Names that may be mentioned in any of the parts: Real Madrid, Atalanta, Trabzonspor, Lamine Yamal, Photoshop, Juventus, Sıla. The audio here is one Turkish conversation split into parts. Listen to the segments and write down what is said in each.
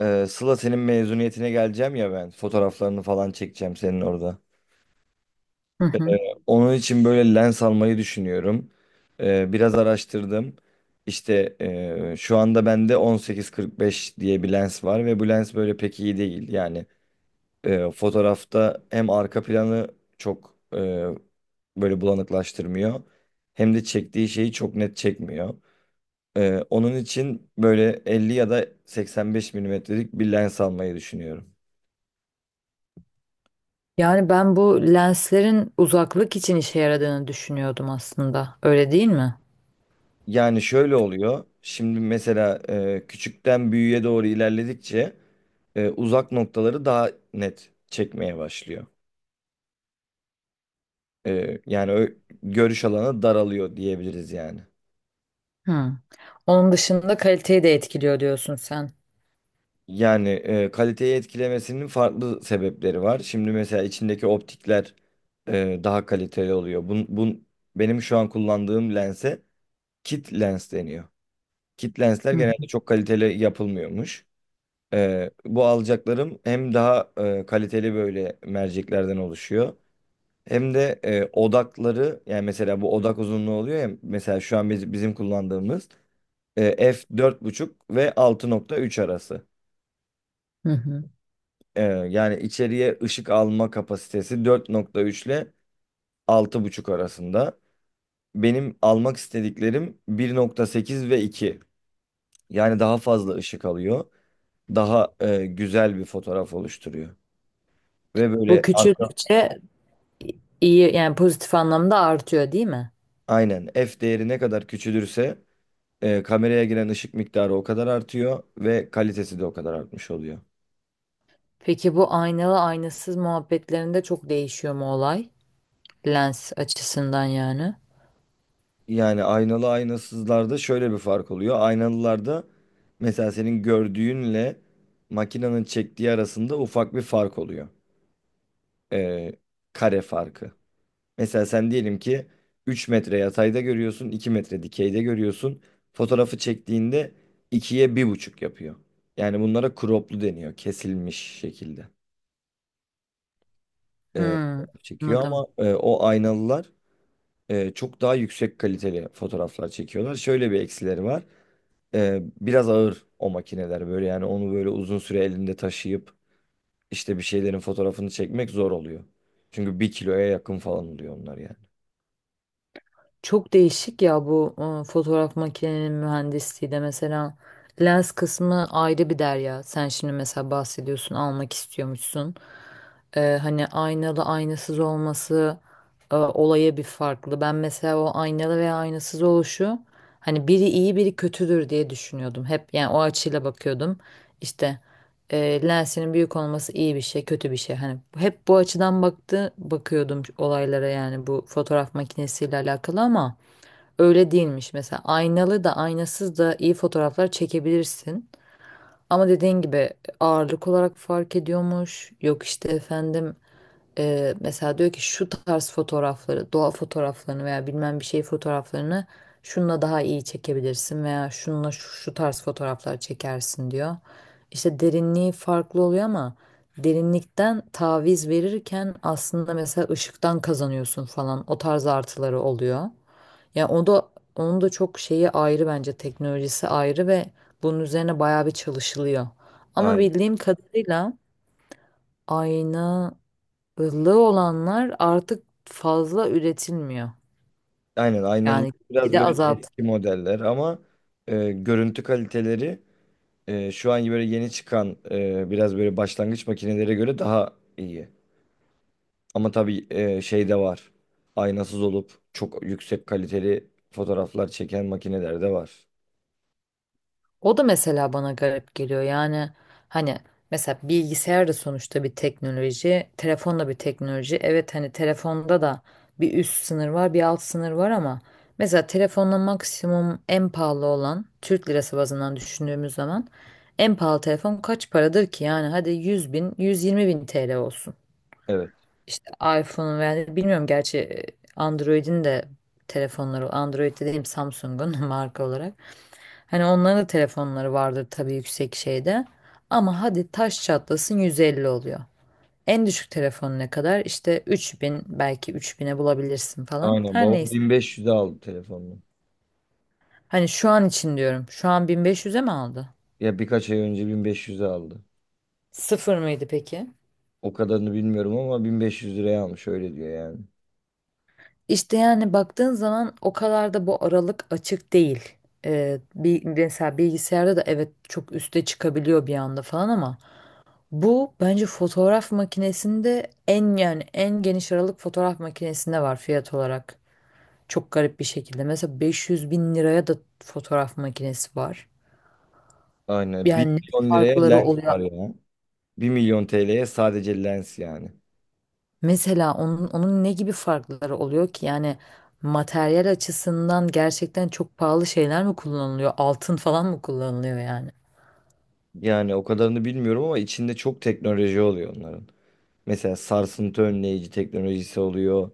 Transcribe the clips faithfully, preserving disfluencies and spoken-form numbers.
Ee, Sıla, senin mezuniyetine geleceğim ya ben. Fotoğraflarını falan çekeceğim senin orada. Hı hı. Onun için böyle lens almayı düşünüyorum. Ee, biraz araştırdım. İşte e, şu anda bende on sekiz kırk beş diye bir lens var ve bu lens böyle pek iyi değil. Yani e, fotoğrafta hem arka planı çok e, böyle bulanıklaştırmıyor hem de çektiği şeyi çok net çekmiyor. Ee, onun için böyle elli ya da seksen beş milimetrelik bir lens almayı düşünüyorum. Yani ben bu lenslerin uzaklık için işe yaradığını düşünüyordum aslında. Öyle değil mi? Yani şöyle oluyor. Şimdi mesela e, küçükten büyüğe doğru ilerledikçe e, uzak noktaları daha net çekmeye başlıyor. E, yani ö- görüş alanı daralıyor diyebiliriz yani. Hı. Onun dışında kaliteyi de etkiliyor diyorsun sen. Yani e, kaliteyi etkilemesinin farklı sebepleri var. Şimdi mesela içindeki optikler e, daha kaliteli oluyor. Bun, bun, benim şu an kullandığım lense kit lens deniyor. Kit lensler Hı genelde çok kaliteli yapılmıyormuş. Ee, bu alacaklarım hem daha e, kaliteli böyle merceklerden oluşuyor. Hem de e, odakları yani mesela bu odak uzunluğu oluyor ya mesela şu an biz, bizim kullandığımız e, f dört buçuk ve altı nokta üç arası. hı. Hı. Ee, yani içeriye ışık alma kapasitesi dört nokta üç ile altı buçuk arasında. Benim almak istediklerim bir nokta sekiz ve iki. Yani daha fazla ışık alıyor. Daha e, güzel bir fotoğraf oluşturuyor. Ve Bu böyle. küçüldükçe iyi yani pozitif anlamda artıyor değil mi? Aynen, f değeri ne kadar küçülürse e, kameraya giren ışık miktarı o kadar artıyor ve kalitesi de o kadar artmış oluyor. Peki bu aynalı aynasız muhabbetlerinde çok değişiyor mu olay? Lens açısından yani. Yani aynalı aynasızlarda şöyle bir fark oluyor. Aynalılarda mesela senin gördüğünle makinenin çektiği arasında ufak bir fark oluyor. E, Kare farkı. Mesela sen diyelim ki üç metre yatayda görüyorsun, iki metre dikeyde görüyorsun. Fotoğrafı çektiğinde ikiye bir buçuk yapıyor. Yani bunlara croplu deniyor, kesilmiş şekilde. Hı, e, Fotoğraf çekiyor anladım. ama e, o aynalılar e, çok daha yüksek kaliteli fotoğraflar çekiyorlar. Şöyle bir eksileri var. E, biraz ağır o makineler böyle yani onu böyle uzun süre elinde taşıyıp işte bir şeylerin fotoğrafını çekmek zor oluyor. Çünkü bir kiloya yakın falan oluyor onlar yani. Çok değişik ya bu e, fotoğraf makinenin mühendisliği de mesela lens kısmı ayrı bir derya. Sen şimdi mesela bahsediyorsun almak istiyormuşsun. E, hani aynalı aynasız olması e, olaya bir farklı. Ben mesela o aynalı veya aynasız oluşu hani biri iyi biri kötüdür diye düşünüyordum. Hep yani o açıyla bakıyordum. İşte e, lensinin büyük olması iyi bir şey, kötü bir şey. Hani hep bu açıdan baktı bakıyordum olaylara yani bu fotoğraf makinesiyle alakalı ama öyle değilmiş. Mesela aynalı da aynasız da iyi fotoğraflar çekebilirsin. Ama dediğin gibi ağırlık olarak fark ediyormuş. Yok işte efendim, e, mesela diyor ki şu tarz fotoğrafları, doğa fotoğraflarını veya bilmem bir şey fotoğraflarını şununla daha iyi çekebilirsin veya şununla şu, şu tarz fotoğraflar çekersin diyor. İşte derinliği farklı oluyor ama derinlikten taviz verirken aslında mesela ışıktan kazanıyorsun falan, o tarz artıları oluyor. Ya o da, onun da çok şeyi ayrı bence, teknolojisi ayrı ve bunun üzerine bayağı bir çalışılıyor. Ama Aynen. bildiğim kadarıyla aynalı olanlar artık fazla üretilmiyor. Aynen, aynalı Yani bir biraz de böyle azalt. eski modeller ama e, görüntü kaliteleri e, şu an böyle yeni çıkan e, biraz böyle başlangıç makinelere göre daha iyi. Ama tabii e, şey de var. Aynasız olup çok yüksek kaliteli fotoğraflar çeken makineler de var. O da mesela bana garip geliyor. Yani hani mesela bilgisayar da sonuçta bir teknoloji, telefon da bir teknoloji. Evet, hani telefonda da bir üst sınır var, bir alt sınır var ama mesela telefonla maksimum, en pahalı olan, Türk lirası bazından düşündüğümüz zaman en pahalı telefon kaç paradır ki? Yani hadi yüz bin, yüz yirmi bin T L olsun. Evet. İşte iPhone veya bilmiyorum gerçi, e, Android'in de telefonları, Android dediğim Samsung'un marka olarak. Hani onların da telefonları vardır tabii yüksek şeyde. Ama hadi taş çatlasın yüz elli oluyor. En düşük telefon ne kadar? İşte üç bin, belki üç bine bulabilirsin falan. Aynen. Her Babam neyse. bin beş yüze aldı telefonunu. Hani şu an için diyorum. Şu an bin beş yüze mi aldı? Ya birkaç ay önce bin beş yüze aldı. Sıfır mıydı peki? O kadarını bilmiyorum ama bin beş yüz liraya almış öyle diyor yani. İşte yani baktığın zaman o kadar da bu aralık açık değil. Ee, bir, mesela bilgisayarda da evet çok üste çıkabiliyor bir anda falan ama bu bence fotoğraf makinesinde, en yani en geniş aralık fotoğraf makinesinde var fiyat olarak. Çok garip bir şekilde. Mesela beş yüz bin liraya da fotoğraf makinesi var. Aynen. bir Yani ne milyon liraya farkları lens oluyor? var ya. Bir milyon T L'ye sadece lens yani. Mesela onun, onun ne gibi farkları oluyor ki? Yani materyal açısından gerçekten çok pahalı şeyler mi kullanılıyor? Altın falan mı kullanılıyor yani? Yani o kadarını bilmiyorum ama içinde çok teknoloji oluyor onların. Mesela sarsıntı önleyici teknolojisi oluyor.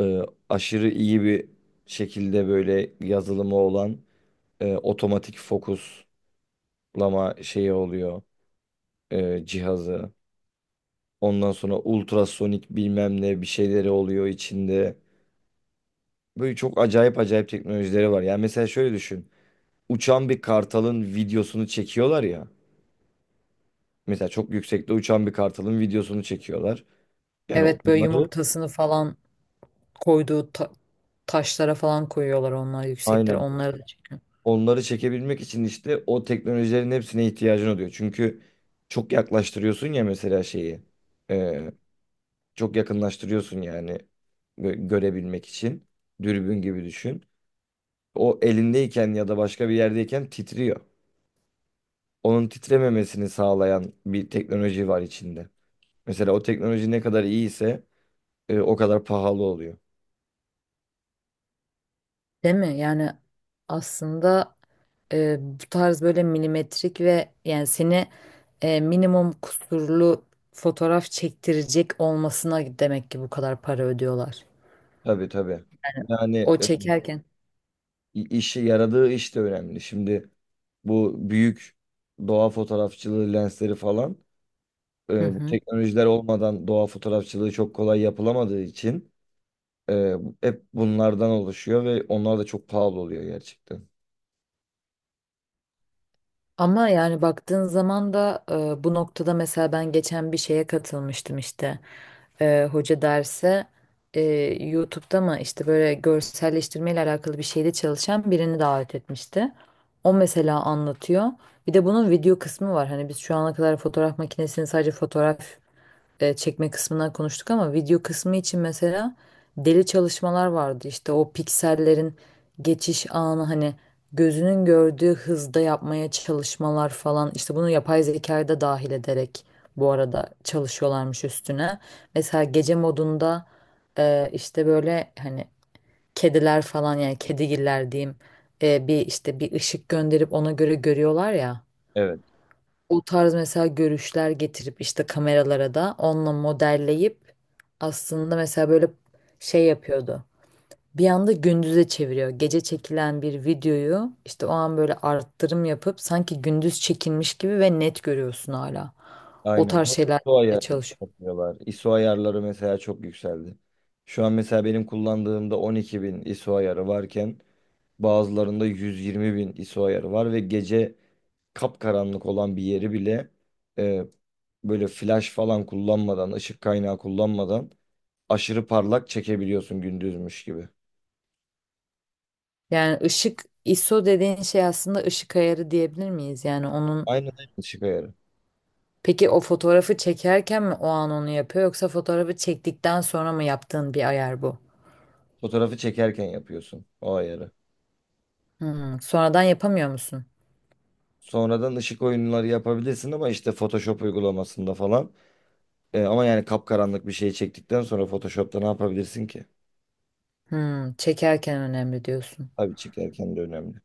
Ee, Aşırı iyi bir şekilde böyle yazılımı olan e, otomatik fokuslama şeyi oluyor e, cihazı. Ondan sonra ultrasonik bilmem ne bir şeyleri oluyor içinde. Böyle çok acayip acayip teknolojileri var. Yani mesela şöyle düşün. Uçan bir kartalın videosunu çekiyorlar ya. Mesela çok yüksekte uçan bir kartalın videosunu çekiyorlar. Yani Evet, böyle onları, yumurtasını falan koyduğu ta- taşlara falan koyuyorlar, onlar yüksektir. aynen, Onları da onları çekebilmek için işte o teknolojilerin hepsine ihtiyacın oluyor. Çünkü çok yaklaştırıyorsun ya mesela şeyi. Ee, Çok yakınlaştırıyorsun yani gö- görebilmek için. Dürbün gibi düşün. O elindeyken ya da başka bir yerdeyken titriyor. Onun titrememesini sağlayan bir teknoloji var içinde. Mesela o teknoloji ne kadar iyiyse e, o kadar pahalı oluyor. değil mi? Yani aslında e, bu tarz böyle milimetrik ve yani seni e, minimum kusurlu fotoğraf çektirecek olmasına demek ki bu kadar para ödüyorlar. Tabii, tabii. Yani O e, çekerken. i- işi yaradığı iş de önemli. Şimdi bu büyük doğa fotoğrafçılığı lensleri falan Hı e, bu hı. teknolojiler olmadan doğa fotoğrafçılığı çok kolay yapılamadığı için Ee, hep bunlardan oluşuyor ve onlar da çok pahalı oluyor gerçekten. Ama yani baktığın zaman da e, bu noktada mesela ben geçen bir şeye katılmıştım işte. E, hoca derse e, YouTube'da mı işte, böyle görselleştirme ile alakalı bir şeyde çalışan birini davet etmişti. O mesela anlatıyor. Bir de bunun video kısmı var. Hani biz şu ana kadar fotoğraf makinesini sadece fotoğraf e, çekme kısmından konuştuk ama video kısmı için mesela deli çalışmalar vardı. İşte o piksellerin geçiş anı hani gözünün gördüğü hızda yapmaya çalışmalar falan. İşte bunu yapay zekayı da dahil ederek bu arada çalışıyorlarmış üstüne. Mesela gece modunda e, işte böyle hani kediler falan, yani kedigiller diyeyim, e, bir işte bir ışık gönderip ona göre görüyorlar ya, Evet. o tarz mesela görüşler getirip işte kameralara da onunla modelleyip aslında mesela böyle şey yapıyordu. Bir anda gündüze çeviriyor. Gece çekilen bir videoyu işte o an böyle arttırım yapıp sanki gündüz çekilmiş gibi ve net görüyorsun hala. O Aynen. tarz şeylerle I S O ayarı çalışıyor. yapıyorlar. I S O ayarları mesela çok yükseldi. Şu an mesela benim kullandığımda on iki bin I S O ayarı varken bazılarında yüz yirmi bin I S O ayarı var ve gece kapkaranlık olan bir yeri bile e, böyle flash falan kullanmadan, ışık kaynağı kullanmadan aşırı parlak çekebiliyorsun gündüzmüş gibi. Yani ışık, ISO dediğin şey aslında ışık ayarı diyebilir miyiz? Yani onun, Aynen öyle, ışık ayarı. peki o fotoğrafı çekerken mi o an onu yapıyor yoksa fotoğrafı çektikten sonra mı yaptığın bir ayar bu? Fotoğrafı çekerken yapıyorsun o ayarı. Hmm, sonradan yapamıyor musun? Sonradan ışık oyunları yapabilirsin ama işte Photoshop uygulamasında falan. E, ama yani kapkaranlık bir şey çektikten sonra Photoshop'ta ne yapabilirsin ki? Hmm, çekerken önemli diyorsun. Tabii çekerken de önemli.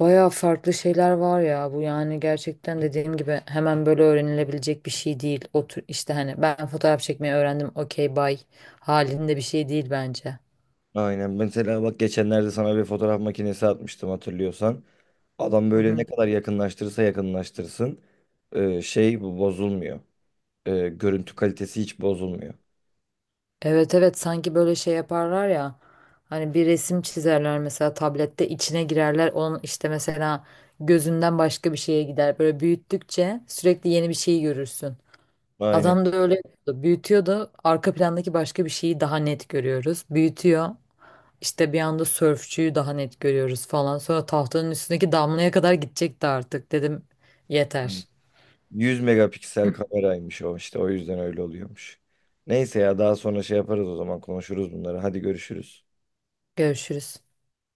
Bayağı farklı şeyler var ya bu, yani gerçekten dediğim gibi hemen böyle öğrenilebilecek bir şey değil. Otur işte hani ben fotoğraf çekmeyi öğrendim okey bay halinde bir şey değil bence. Aynen. Mesela bak, geçenlerde sana bir fotoğraf makinesi atmıştım hatırlıyorsan. Adam Hı böyle ne hı. kadar yakınlaştırırsa yakınlaştırsın e, şey bu bozulmuyor. E, görüntü kalitesi hiç bozulmuyor. Evet, evet, sanki böyle şey yaparlar ya hani bir resim çizerler mesela, tablette içine girerler onun, işte mesela gözünden başka bir şeye gider. Böyle büyüttükçe sürekli yeni bir şey görürsün. Aynen, Adam da öyle yapıyordu. Büyütüyor da arka plandaki başka bir şeyi daha net görüyoruz. Büyütüyor. İşte bir anda sörfçüyü daha net görüyoruz falan. Sonra tahtanın üstündeki damlaya kadar gidecekti artık. Dedim aynen. yeter. yüz megapiksel kameraymış o, işte o yüzden öyle oluyormuş. Neyse ya, daha sonra şey yaparız, o zaman konuşuruz bunları. Hadi görüşürüz. Görüşürüz.